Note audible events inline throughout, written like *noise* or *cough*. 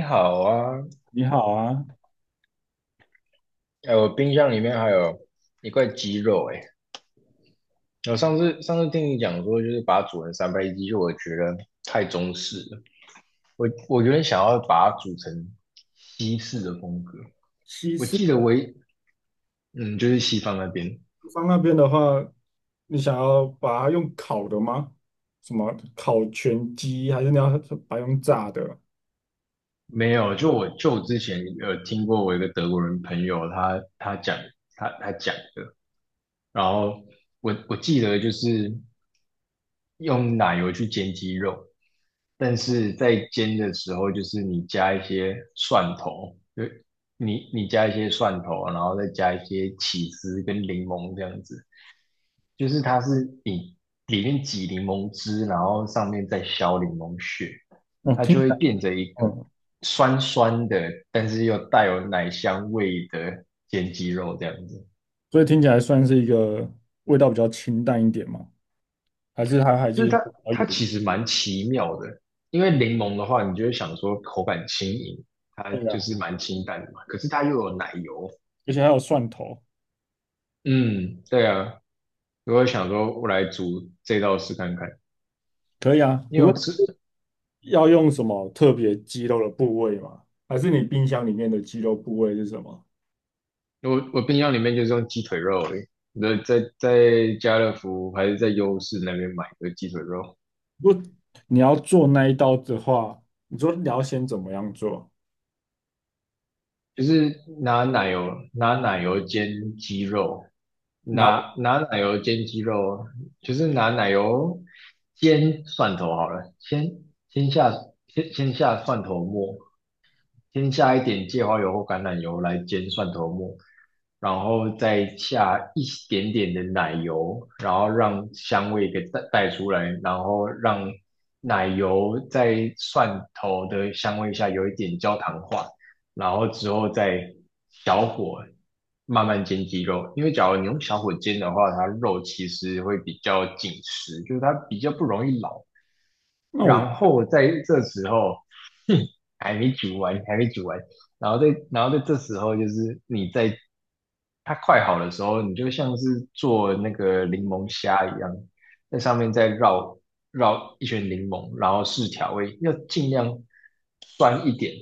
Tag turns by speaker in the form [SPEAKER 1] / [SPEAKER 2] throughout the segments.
[SPEAKER 1] 你好啊。
[SPEAKER 2] 你好啊，
[SPEAKER 1] 哎，我冰箱里面还有一块鸡肉，哎，我上次听你讲说，就是把它煮成三杯鸡，就我觉得太中式了。我有点想要把它煮成西式的风格。
[SPEAKER 2] 西
[SPEAKER 1] 我
[SPEAKER 2] 式
[SPEAKER 1] 记得我一嗯，就是西方那边。
[SPEAKER 2] 北方那边的话，你想要把它用烤的吗？什么烤全鸡，还是你要把它用炸的？
[SPEAKER 1] 没有，就我之前有听过我一个德国人朋友他讲他讲的，然后我记得就是。用奶油去煎鸡肉，但是在煎的时候，就是你加一些蒜头，就你加一些蒜头，然后再加一些起司跟柠檬这样子。就是它是你里面挤柠檬汁，然后上面再削柠檬屑，
[SPEAKER 2] 哦，
[SPEAKER 1] 它
[SPEAKER 2] 听
[SPEAKER 1] 就
[SPEAKER 2] 起
[SPEAKER 1] 会
[SPEAKER 2] 来，
[SPEAKER 1] 变成一个
[SPEAKER 2] 嗯，
[SPEAKER 1] 酸酸的，但是又带有奶香味的煎鸡肉这样子。
[SPEAKER 2] 所以听起来算是一个味道比较清淡一点嘛，还是它还
[SPEAKER 1] 就是
[SPEAKER 2] 是
[SPEAKER 1] 它
[SPEAKER 2] 比较
[SPEAKER 1] 它
[SPEAKER 2] 有，
[SPEAKER 1] 其实蛮奇妙的，因为柠檬的话，你就会想说口感轻盈，它
[SPEAKER 2] 对啊，
[SPEAKER 1] 就是蛮清淡的嘛，可是它又有奶油。
[SPEAKER 2] 而且还有蒜头，
[SPEAKER 1] 嗯，对啊，我会想说我来煮这道试看看，
[SPEAKER 2] 可以啊。
[SPEAKER 1] 因
[SPEAKER 2] 不
[SPEAKER 1] 为我
[SPEAKER 2] 过
[SPEAKER 1] 吃
[SPEAKER 2] 要用什么特别鸡肉的部位吗？还是你冰箱里面的鸡肉部位是什么？
[SPEAKER 1] 我冰箱里面就是用鸡腿肉而已，那在家乐福还是在优势那边买的鸡腿肉。
[SPEAKER 2] 如果你要做那一道的话，你说你要先怎么样做？
[SPEAKER 1] 就是拿奶油煎鸡肉，
[SPEAKER 2] 你要，
[SPEAKER 1] 拿奶油煎鸡肉，就是拿奶油煎蒜头好了，先下先下蒜头末，先下一点芥花油或橄榄油来煎蒜头末，然后再下一点点的奶油，然后让香味给带出来，然后让奶油在蒜头的香味下有一点焦糖化，然后之后再小火慢慢煎鸡肉。因为假如你用小火煎的话，它肉其实会比较紧实，就是它比较不容易老。
[SPEAKER 2] 那我
[SPEAKER 1] 然后在这时候，哼，还没煮完，还没煮完，然后在这时候，就是你在它快好的时候，你就像是做那个柠檬虾一样，在上面再绕一圈柠檬，然后试调味，要尽量酸一点，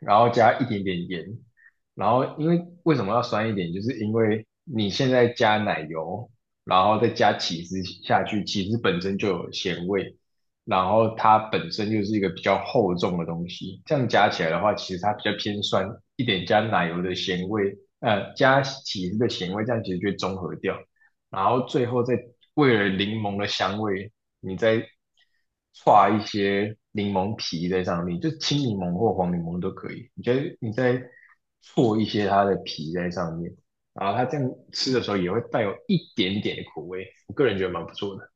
[SPEAKER 1] 然后加一点点盐，然后因为为什么要酸一点，就是因为你现在加奶油。然后再加起司下去，起司本身就有咸味，然后它本身就是一个比较厚重的东西，这样加起来的话，其实它比较偏酸一点，加奶油的咸味，加起司的咸味，这样其实就会中和掉。然后最后再为了柠檬的香味，你再刷一些柠檬皮在上面，就青柠檬或黄柠檬都可以。你觉得你再搓一些它的皮在上面，然后它这样吃的时候也会带有一点点的苦味。我个人觉得蛮不错的。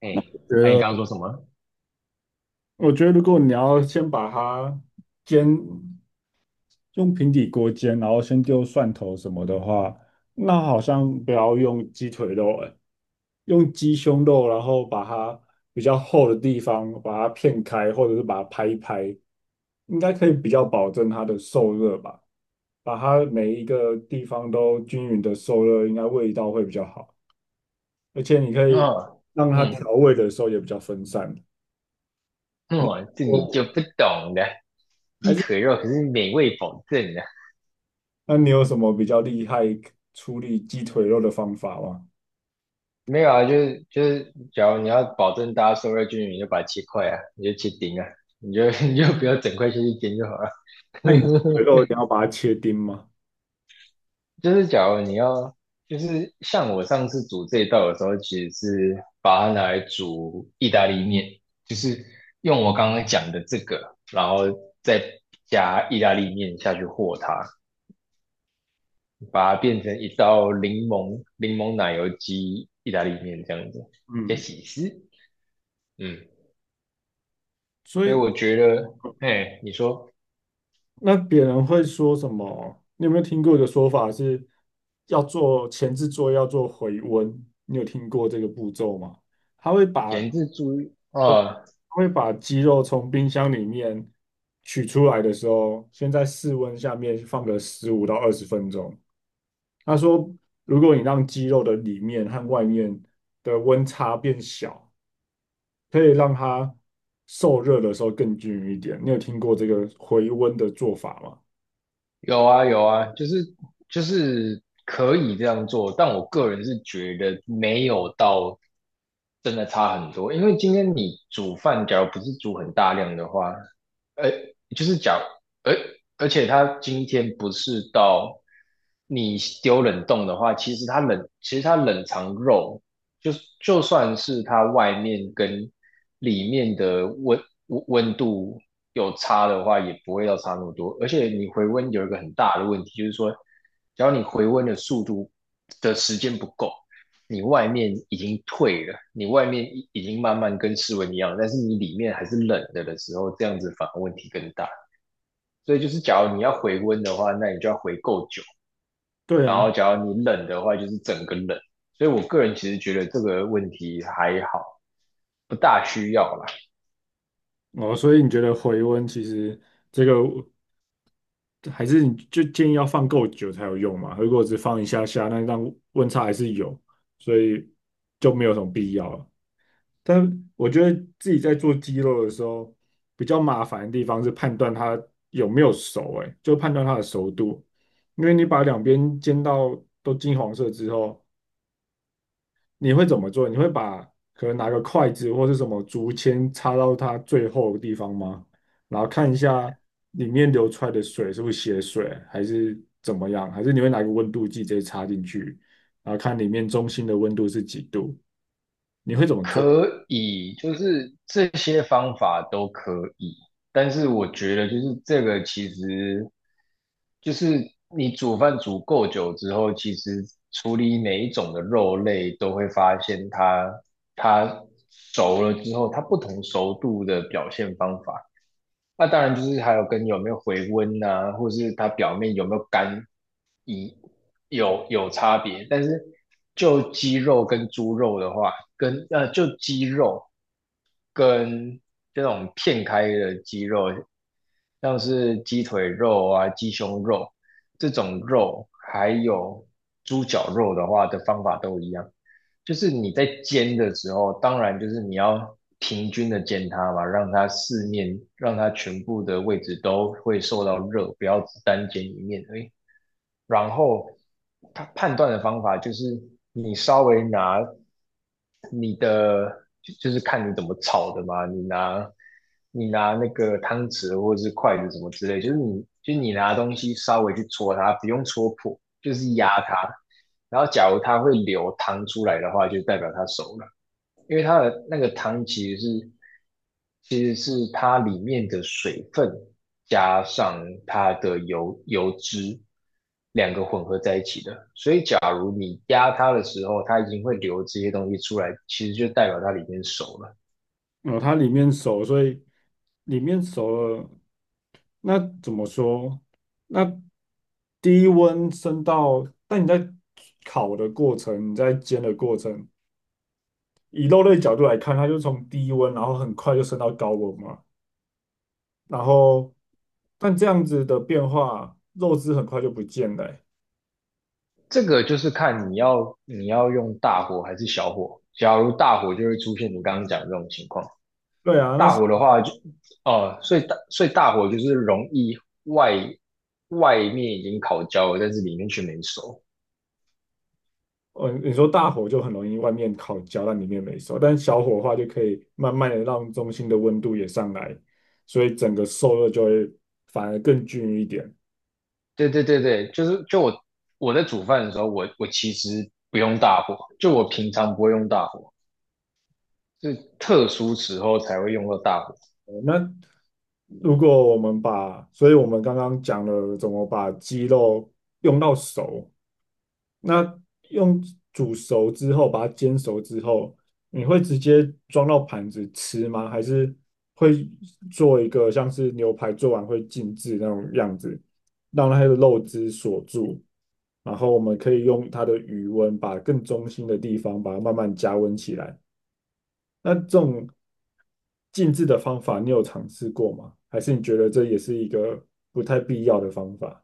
[SPEAKER 1] 哎，那、你
[SPEAKER 2] 觉
[SPEAKER 1] 刚刚
[SPEAKER 2] 得，
[SPEAKER 1] 说什么？
[SPEAKER 2] 我觉得如果你要先把它煎，用平底锅煎，然后先丢蒜头什么的话，那好像不要用鸡腿肉，哎，用鸡胸肉，然后把它比较厚的地方把它片开，或者是把它拍一拍，应该可以比较保证它的受热吧，把它每一个地方都均匀的受热，应该味道会比较好，而且你可以
[SPEAKER 1] 哦，
[SPEAKER 2] 让它
[SPEAKER 1] 嗯，
[SPEAKER 2] 调味的时候也比较分散。
[SPEAKER 1] 哦，这
[SPEAKER 2] 我。
[SPEAKER 1] 你就不懂了。
[SPEAKER 2] 还
[SPEAKER 1] 鸡
[SPEAKER 2] 是。
[SPEAKER 1] 腿肉可是美味保证的。
[SPEAKER 2] 那你有什么比较厉害处理鸡腿肉的方法吗？
[SPEAKER 1] 没有啊，就是，假如你要保证大家受热均匀，你就把它切块啊，你就切丁啊，你就 *laughs* 你就不要整块下去煎就好了。
[SPEAKER 2] 那你鸡腿
[SPEAKER 1] *laughs*
[SPEAKER 2] 肉一定要把它切丁吗？
[SPEAKER 1] 就是假如你要，就是像我上次煮这一道的时候，其实是把它拿来煮意大利面，就是用我刚刚讲的这个，然后再加意大利面下去和它，把它变成一道柠檬奶油鸡意大利面这样子，加
[SPEAKER 2] 嗯，
[SPEAKER 1] 起司。嗯，
[SPEAKER 2] 所
[SPEAKER 1] 所以
[SPEAKER 2] 以
[SPEAKER 1] 我觉得，哎，你说
[SPEAKER 2] 那别人会说什么？你有没有听过一个说法是要做前置作业要做回温？你有听过这个步骤吗？他会把
[SPEAKER 1] 前置猪啊，
[SPEAKER 2] 呃
[SPEAKER 1] 哦，
[SPEAKER 2] 他会把鸡肉从冰箱里面取出来的时候，先在室温下面放个15到20分钟，他说，如果你让肌肉的里面和外面的温差变小，可以让它受热的时候更均匀一点。你有听过这个回温的做法吗？
[SPEAKER 1] 有啊有啊，就是就是可以这样做，但我个人是觉得没有到真的差很多，因为今天你煮饭，假如不是煮很大量的话，呃，就是讲，而而且它今天不是到你丢冷冻的话，其实它冷藏肉就就算是它外面跟里面的温度有差的话，也不会要差那么多。而且你回温有一个很大的问题，就是说，只要你回温的速度的时间不够，你外面已经退了，你外面已经慢慢跟室温一样，但是你里面还是冷的的时候，这样子反而问题更大。所以就是，假如你要回温的话，那你就要回够久，
[SPEAKER 2] 对
[SPEAKER 1] 然
[SPEAKER 2] 啊，
[SPEAKER 1] 后假如你冷的话，就是整个冷。所以我个人其实觉得这个问题还好，不大需要啦。
[SPEAKER 2] 哦，所以你觉得回温其实这个还是你就建议要放够久才有用嘛？如果只放一下下，那让温差还是有，所以就没有什么必要了。但我觉得自己在做鸡肉的时候，比较麻烦的地方是判断它有没有熟、欸，哎，就判断它的熟度。因为你把两边煎到都金黄色之后，你会怎么做？你会把可能拿个筷子或是什么竹签插到它最后的地方吗？然后看一下里面流出来的水是不是血水，还是怎么样？还是你会拿个温度计直接插进去，然后看里面中心的温度是几度？你会怎么做？
[SPEAKER 1] 可以，就是这些方法都可以。但是我觉得就是这个其实就是你煮饭煮够久之后，其实处理每一种的肉类都会发现它熟了之后，它不同熟度的表现方法那当然就是还有跟有没有回温啊，或者是它表面有没有干，一有差别。但是就鸡肉跟猪肉的话，跟就鸡肉跟这种片开的鸡肉，像是鸡腿肉啊、鸡胸肉这种肉，还有猪脚肉的话的方法都一样，就是你在煎的时候，当然就是你要平均的煎它嘛，让它四面，让它全部的位置都会受到热，不要只单煎一面而已。然后他判断的方法就是你稍微拿你的，就是看你怎么炒的嘛，你拿那个汤匙或者是筷子什么之类，就是你拿东西稍微去戳它，不用戳破，就是压它。然后假如它会流汤出来的话，就代表它熟了。因为它的那个汤其实是它里面的水分加上它的油脂两个混合在一起的，所以假如你压它的时候，它已经会流这些东西出来，其实就代表它里面熟了。
[SPEAKER 2] 哦，它里面熟，所以里面熟了，那怎么说？那低温升到，但你在烤的过程，你在煎的过程，以肉类角度来看，它就从低温，然后很快就升到高温嘛。然后，但这样子的变化，肉汁很快就不见了欸
[SPEAKER 1] 这个就是看你要用大火还是小火。假如大火就会出现你刚刚讲的这种情况，
[SPEAKER 2] 对啊，那
[SPEAKER 1] 大火的话就，哦，所以大火就是容易外外面已经烤焦了，但是里面却没熟。
[SPEAKER 2] 嗯，你说大火就很容易外面烤焦，但里面没熟；但小火的话，就可以慢慢的让中心的温度也上来，所以整个受热就会反而更均匀一点。
[SPEAKER 1] 对对对对，就是就我在煮饭的时候，我其实不用大火，就我平常不会用大火，是特殊时候才会用到大火。
[SPEAKER 2] 呃那如果我们把，所以我们刚刚讲了怎么把鸡肉用到熟，那用煮熟之后，把它煎熟之后，你会直接装到盘子吃吗？还是会做一个像是牛排做完会静置那种样子，让它的肉汁锁住，然后我们可以用它的余温把更中心的地方把它慢慢加温起来。那这种静置的方法，你有尝试过吗？还是你觉得这也是一个不太必要的方法？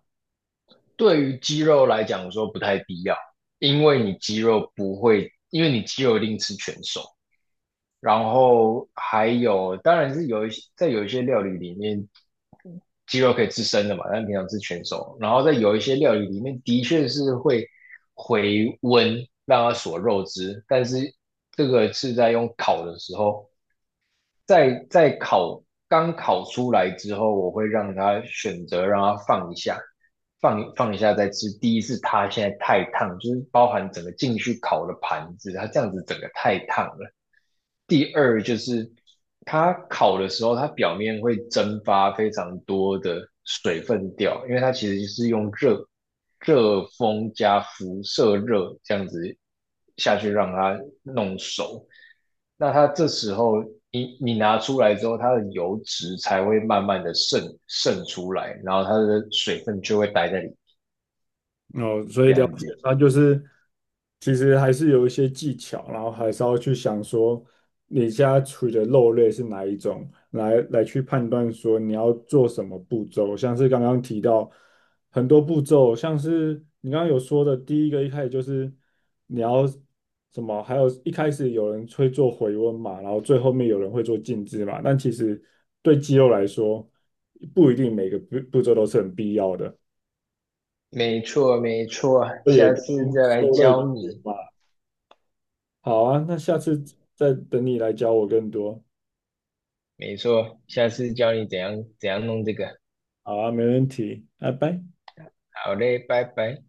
[SPEAKER 1] 对于鸡肉来讲，我说不太必要，因为你鸡肉不会，因为你鸡肉一定吃全熟，然后还有，当然是有一些有一些料理里面，鸡肉可以吃生的嘛，但平常吃全熟。然后在有一些料理里面，的确是会回温让它锁肉汁，但是这个是在用烤的时候，在烤刚烤出来之后，我会让它选择让它放一下，放一下再吃。第一是它现在太烫，就是包含整个进去烤的盘子，它这样子整个太烫了。第二就是它烤的时候，它表面会蒸发非常多的水分掉，因为它其实就是用热风加辐射热这样子下去让它弄熟。那它这时候你拿出来之后，它的油脂才会慢慢的渗出来，然后它的水分就会待在里
[SPEAKER 2] 哦，所
[SPEAKER 1] 这
[SPEAKER 2] 以了
[SPEAKER 1] 样
[SPEAKER 2] 解，
[SPEAKER 1] 子。
[SPEAKER 2] 那就是其实还是有一些技巧，然后还是要去想说你家在处理的肉类是哪一种，来来去判断说你要做什么步骤。像是刚刚提到很多步骤，像是你刚刚有说的第一个，一开始就是你要什么，还有一开始有人会做回温嘛，然后最后面有人会做静置嘛，但其实对肌肉来说，不一定每个步骤都是很必要的。
[SPEAKER 1] 没错，没错，
[SPEAKER 2] 这也
[SPEAKER 1] 下
[SPEAKER 2] 跟
[SPEAKER 1] 次再来
[SPEAKER 2] 受乐
[SPEAKER 1] 教
[SPEAKER 2] 趣
[SPEAKER 1] 你。
[SPEAKER 2] 嘛。好啊，那下次再等你来教我更多。
[SPEAKER 1] 没错，下次教你怎样弄这个。
[SPEAKER 2] 好啊，没问题，拜拜。
[SPEAKER 1] 好嘞，拜拜。